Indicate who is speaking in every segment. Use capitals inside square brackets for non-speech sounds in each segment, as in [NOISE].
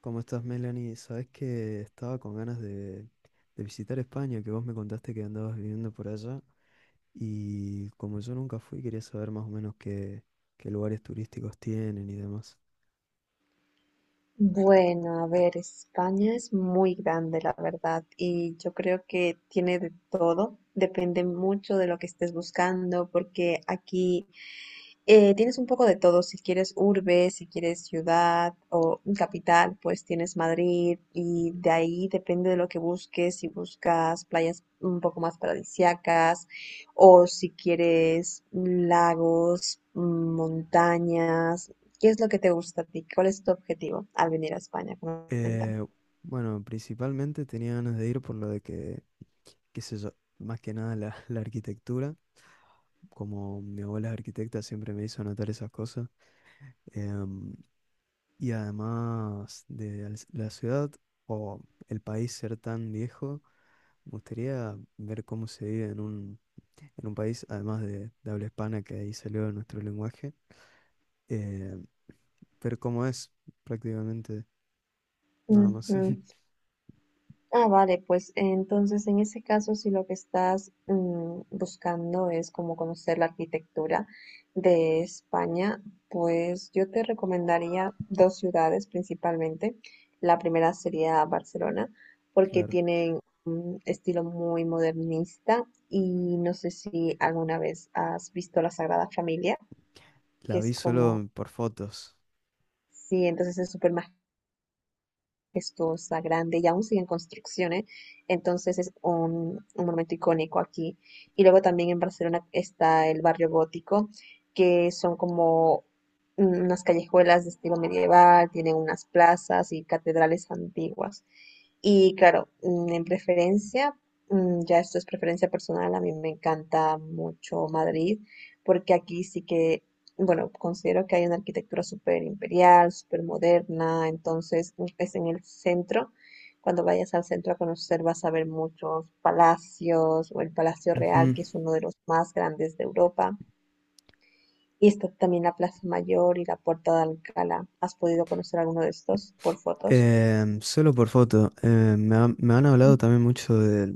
Speaker 1: ¿Cómo estás, Melanie? Sabes que estaba con ganas de visitar España, que vos me contaste que andabas viviendo por allá. Y como yo nunca fui, quería saber más o menos qué lugares turísticos tienen y demás.
Speaker 2: Bueno, a ver, España es muy grande, la verdad, y yo creo que tiene de todo. Depende mucho de lo que estés buscando, porque aquí tienes un poco de todo, si quieres urbe, si quieres ciudad o capital, pues tienes Madrid, y de ahí depende de lo que busques, si buscas playas un poco más paradisíacas o si quieres lagos, montañas. ¿Qué es lo que te gusta a ti? ¿Cuál es tu objetivo al venir a España? Coméntame.
Speaker 1: Eh, bueno, principalmente tenía ganas de ir por lo de qué sé yo, más que nada [LAUGHS] la arquitectura. Como mi abuela es arquitecta, siempre me hizo anotar esas cosas. Em, y además de la ciudad o el país ser tan viejo. Me gustaría ver cómo se vive en en un país, además de habla hispana, que ahí salió nuestro lenguaje, eh, ver cómo es prácticamente, nada más.
Speaker 2: Ujú.
Speaker 1: [LAUGHS]
Speaker 2: Ah, vale, pues entonces en ese caso, si lo que estás buscando es como conocer la arquitectura de España, pues yo te recomendaría dos ciudades principalmente. La primera sería Barcelona, porque
Speaker 1: Claro.
Speaker 2: tienen un estilo muy modernista. Y no sé si alguna vez has visto la Sagrada Familia, que
Speaker 1: La vi
Speaker 2: es como,
Speaker 1: solo por fotos.
Speaker 2: sí, entonces es súper majestuosa, grande y aún sigue en construcción, ¿eh? Entonces es un monumento icónico aquí. Y luego también en Barcelona está el barrio gótico, que son como unas callejuelas de estilo medieval, tienen unas plazas y catedrales antiguas. Y claro, en preferencia, ya esto es preferencia personal, a mí me encanta mucho Madrid, porque aquí sí que bueno, considero que hay una arquitectura súper imperial, súper moderna, entonces es en el centro. Cuando vayas al centro a conocer vas a ver muchos palacios o el Palacio Real,
Speaker 1: Ujú.
Speaker 2: que es uno de los más grandes de Europa. Y está también la Plaza Mayor y la Puerta de Alcalá. ¿Has podido conocer alguno de estos por fotos?
Speaker 1: Solo por foto. Me han hablado también mucho de,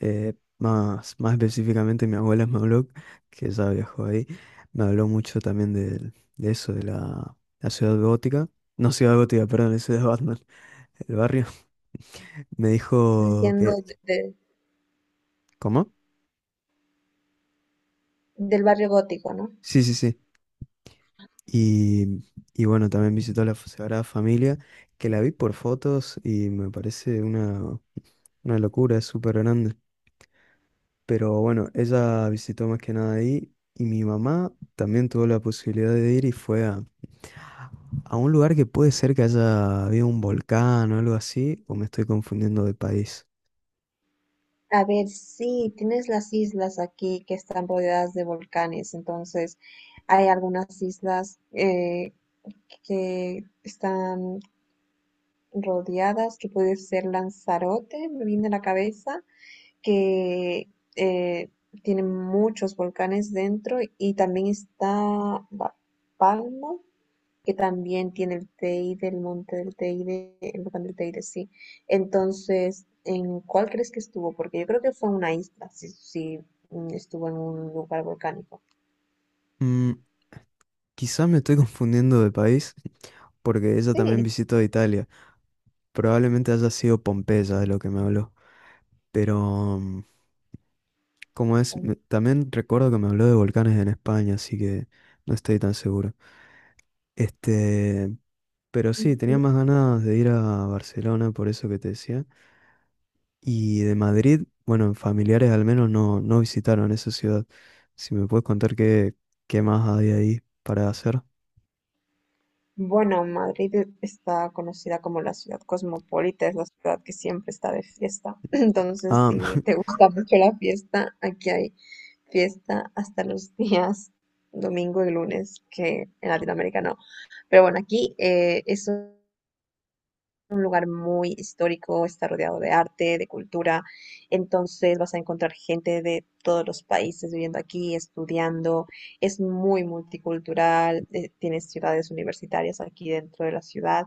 Speaker 1: eh, más, más específicamente mi abuela [LAUGHS] me habló, que ya viajó ahí, me habló mucho también eso, de la ciudad gótica. No ciudad gótica, perdón, la ciudad de Batman. El barrio, me dijo que...
Speaker 2: Diciendo
Speaker 1: ¿Cómo?
Speaker 2: del barrio gótico, ¿no?
Speaker 1: Sí, sí, sí. Y, y bueno, también visitó la Sagrada Familia, que la vi por fotos y me parece una locura, es súper grande. Pero bueno, ella visitó más que nada ahí y mi mamá también tuvo la posibilidad de ir y fue a un lugar que puede ser que haya habido un volcán o algo así, o me estoy confundiendo de país.
Speaker 2: A ver, sí, tienes las islas aquí que están rodeadas de volcanes, entonces hay algunas islas que están rodeadas, que puede ser Lanzarote, me viene a la cabeza, que eh, tiene muchos volcanes dentro, y también está La Palma, que también tiene el Teide, el monte del Teide, el volcán del Teide, sí. Entonces, ¿en cuál crees que estuvo? Porque yo creo que fue en una isla, si estuvo en un lugar volcánico.
Speaker 1: Mm, Quizá me estoy [LAUGHS] confundiendo de país porque ella
Speaker 2: Sí.
Speaker 1: también visitó Italia. Probablemente haya sido Pompeya de lo que me habló. Pero, como es, también recuerdo que me habló de volcanes en España, así que no estoy tan seguro. Este, pero sí, tenía
Speaker 2: Ujú.
Speaker 1: más ganas de ir a Barcelona, por eso que te decía. Y de Madrid, bueno, familiares al menos no, no visitaron esa ciudad. Si me puedes contar qué más hay ahí para hacer.
Speaker 2: Bueno, Madrid está conocida como la ciudad cosmopolita, es la ciudad que siempre está de fiesta. [CLEARS THROAT] [LAUGHS] Entonces,
Speaker 1: Ah, [LAUGHS]
Speaker 2: si te gusta mucho la fiesta, aquí hay fiesta hasta los días domingo y lunes, que en Latinoamérica no. Pero bueno, aquí eso un lugar muy histórico, está rodeado de arte, de cultura, entonces vas a encontrar gente de todos los países viviendo aquí, estudiando, es muy multicultural. Eh, tienes ciudades universitarias aquí dentro de la ciudad,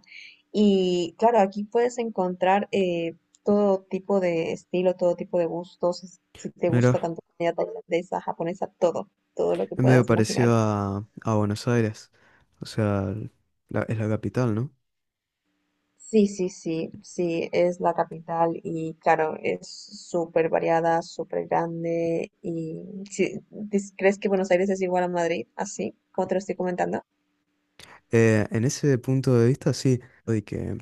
Speaker 2: y claro, aquí puedes encontrar todo tipo de estilo, todo tipo de gustos, si te gusta
Speaker 1: mira,
Speaker 2: tanto comida tailandesa, japonesa, todo, todo lo que
Speaker 1: es medio
Speaker 2: puedas imaginar.
Speaker 1: parecido a Buenos Aires. O sea, es la capital, ¿no?
Speaker 2: Sí, sí, sí, sí, es la capital, y claro, es súper variada, súper grande y sí, ¿crees que Buenos Aires es igual a Madrid? Así, como te lo estoy comentando.
Speaker 1: En ese punto de vista, sí, lo de que,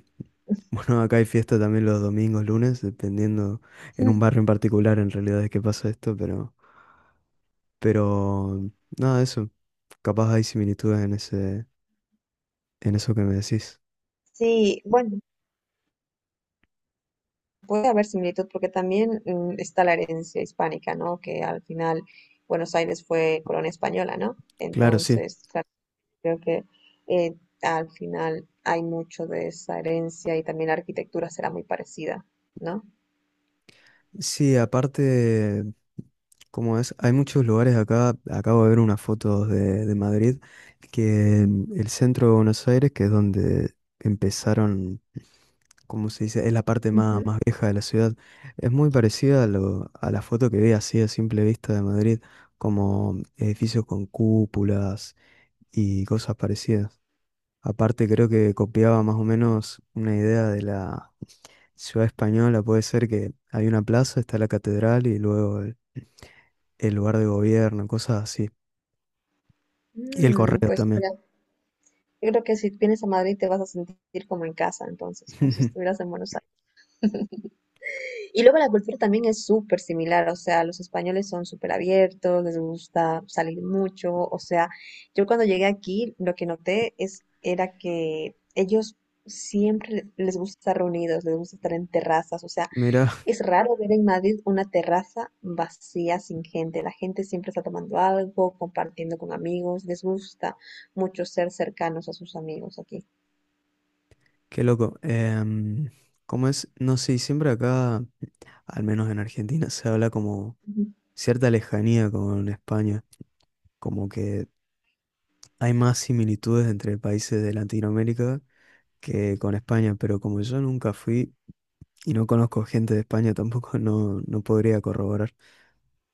Speaker 1: [LAUGHS] bueno, acá hay fiesta también los domingos, lunes, dependiendo en un
Speaker 2: [LAUGHS]
Speaker 1: barrio en particular, en realidad es que pasa esto, pero, nada, eso, capaz hay similitudes en ese, en eso que me decís.
Speaker 2: Sí, bueno, puede haber similitud porque también está la herencia hispánica, ¿no? Que al final Buenos Aires fue colonia española, ¿no?
Speaker 1: Claro, sí.
Speaker 2: Entonces, claro, creo que eh, al final hay mucho de esa herencia, y también la arquitectura será muy parecida, ¿no?
Speaker 1: Sí, aparte, como es, hay muchos lugares acá, acabo de ver unas fotos de Madrid, que el centro de Buenos Aires, que es donde empezaron, como se dice, es la parte más,
Speaker 2: Ujú.
Speaker 1: más vieja de la ciudad. Es muy parecida a la foto que ve así a simple vista de Madrid, como edificios con cúpulas y cosas parecidas. Aparte creo que copiaba más o menos una idea de la ciudad española, puede ser que hay una plaza, está la catedral y luego el lugar de gobierno, cosas así. Y el
Speaker 2: Mm,
Speaker 1: correo
Speaker 2: pues
Speaker 1: también.
Speaker 2: mira, yo creo que si vienes a Madrid te vas a sentir como en casa, entonces, como si
Speaker 1: [LAUGHS]
Speaker 2: estuvieras en Buenos Aires. Y luego la cultura también es súper similar, o sea, los españoles son súper abiertos, les gusta salir mucho, o sea, yo cuando llegué aquí lo que noté es, era que ellos siempre les gusta estar reunidos, les gusta estar en terrazas, o sea,
Speaker 1: Mira
Speaker 2: es raro ver en Madrid una terraza vacía sin gente. La gente siempre está tomando algo, compartiendo con amigos. Les gusta mucho ser cercanos a sus amigos aquí.
Speaker 1: qué loco. Em, ¿cómo es? No sé, siempre acá, al menos en Argentina, se habla como
Speaker 2: Ujú.
Speaker 1: cierta lejanía con España, como que hay más similitudes entre países de Latinoamérica que con España, pero como yo nunca fui y no conozco gente de España [LAUGHS] tampoco, no, no podría corroborar.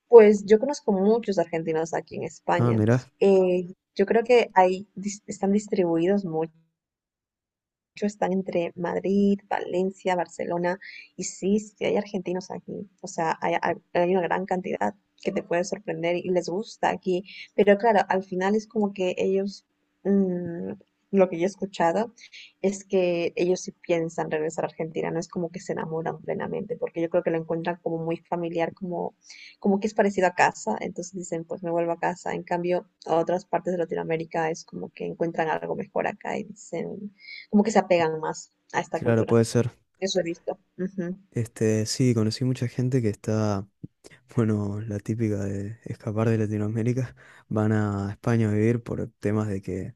Speaker 2: Pues yo conozco muchos argentinos aquí en
Speaker 1: Ah,
Speaker 2: España.
Speaker 1: mirá,
Speaker 2: Yo creo que ahí están distribuidos hecho, están entre Madrid, Valencia, Barcelona, y sí, sí hay argentinos aquí, o sea, hay una gran cantidad que te puede sorprender y les gusta aquí, pero claro, al final es como que ellos, mm, lo que yo he escuchado es que ellos sí piensan regresar a Argentina, no es como que se enamoran plenamente, porque yo creo que lo encuentran como muy familiar, como, como que es parecido a casa, entonces dicen, pues me vuelvo a casa, en cambio, a otras partes de Latinoamérica es como que encuentran algo mejor acá y dicen, como que se apegan más a esta
Speaker 1: claro,
Speaker 2: cultura.
Speaker 1: puede ser.
Speaker 2: Eso he visto. Ujú,
Speaker 1: Este, sí, conocí mucha gente que está, [LAUGHS] bueno, la típica de escapar de Latinoamérica, [LAUGHS] van a España a vivir por temas de que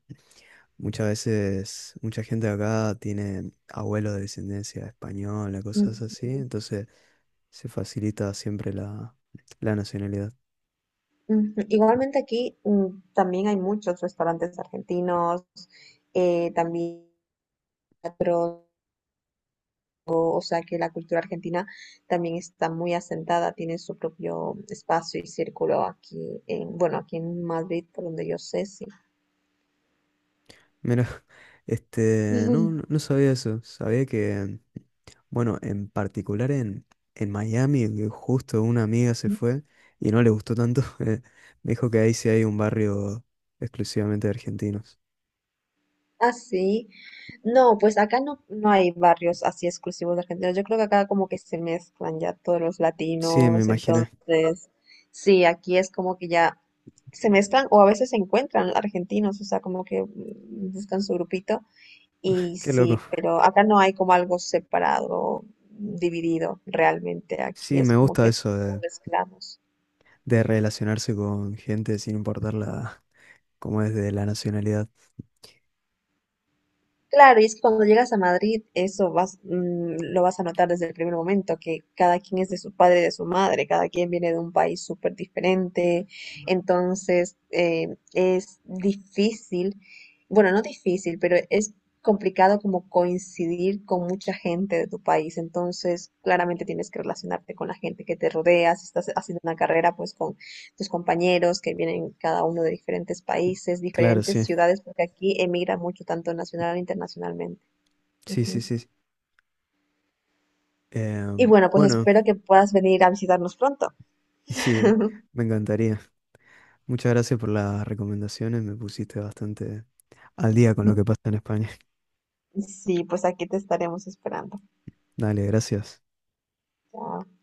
Speaker 1: muchas veces mucha gente de acá tiene abuelos de descendencia española,
Speaker 2: ujú,
Speaker 1: cosas así, entonces se facilita siempre la nacionalidad.
Speaker 2: ujú. Igualmente aquí también hay muchos restaurantes argentinos, también teatro, o sea que la cultura argentina también está muy asentada, tiene su propio espacio y círculo aquí en, bueno, aquí en Madrid, por donde yo sé, sí.
Speaker 1: Mira, [LAUGHS] este, no, no
Speaker 2: [LAUGHS]
Speaker 1: sabía eso. Sabía que, bueno, en particular en Miami, que justo una amiga se fue y no le gustó tanto. [LAUGHS] Me dijo que ahí sí hay un barrio exclusivamente de argentinos.
Speaker 2: Así, no, pues acá no, no hay barrios así exclusivos de argentinos. Yo creo que acá como que se mezclan ya todos los
Speaker 1: Sí, me
Speaker 2: latinos,
Speaker 1: imaginé.
Speaker 2: entonces, sí, aquí es como que ya se mezclan o a veces se encuentran argentinos, o sea, como que buscan su grupito y
Speaker 1: Qué loco.
Speaker 2: sí, pero acá no hay como algo separado, dividido realmente. Aquí
Speaker 1: Sí,
Speaker 2: es
Speaker 1: me
Speaker 2: como
Speaker 1: gusta
Speaker 2: que
Speaker 1: eso
Speaker 2: todos mezclamos.
Speaker 1: de relacionarse con gente sin importar la, cómo es, de la nacionalidad.
Speaker 2: Claro, y es que cuando llegas a Madrid, eso vas, lo vas a notar desde el primer momento, que cada quien es de su padre y de su madre, cada quien viene de un país súper diferente, entonces es difícil, bueno, no difícil, pero es complicado como coincidir con mucha gente de tu país, entonces claramente tienes que relacionarte con la gente que te rodea, si estás haciendo una carrera, pues con tus compañeros que vienen cada uno de diferentes países,
Speaker 1: Claro,
Speaker 2: diferentes
Speaker 1: sí.
Speaker 2: ciudades, porque aquí emigra mucho, tanto nacional e internacionalmente.
Speaker 1: Sí, sí,
Speaker 2: Ujú.
Speaker 1: sí, sí.
Speaker 2: Y
Speaker 1: Em,
Speaker 2: bueno, pues
Speaker 1: bueno,
Speaker 2: espero que puedas venir a visitarnos pronto.
Speaker 1: [LAUGHS] sí,
Speaker 2: [LAUGHS]
Speaker 1: me encantaría. Muchas gracias por las recomendaciones. Me pusiste bastante al día con lo que pasa en España.
Speaker 2: Sí, pues aquí te estaremos esperando.
Speaker 1: [LAUGHS] Dale, gracias.
Speaker 2: Chao.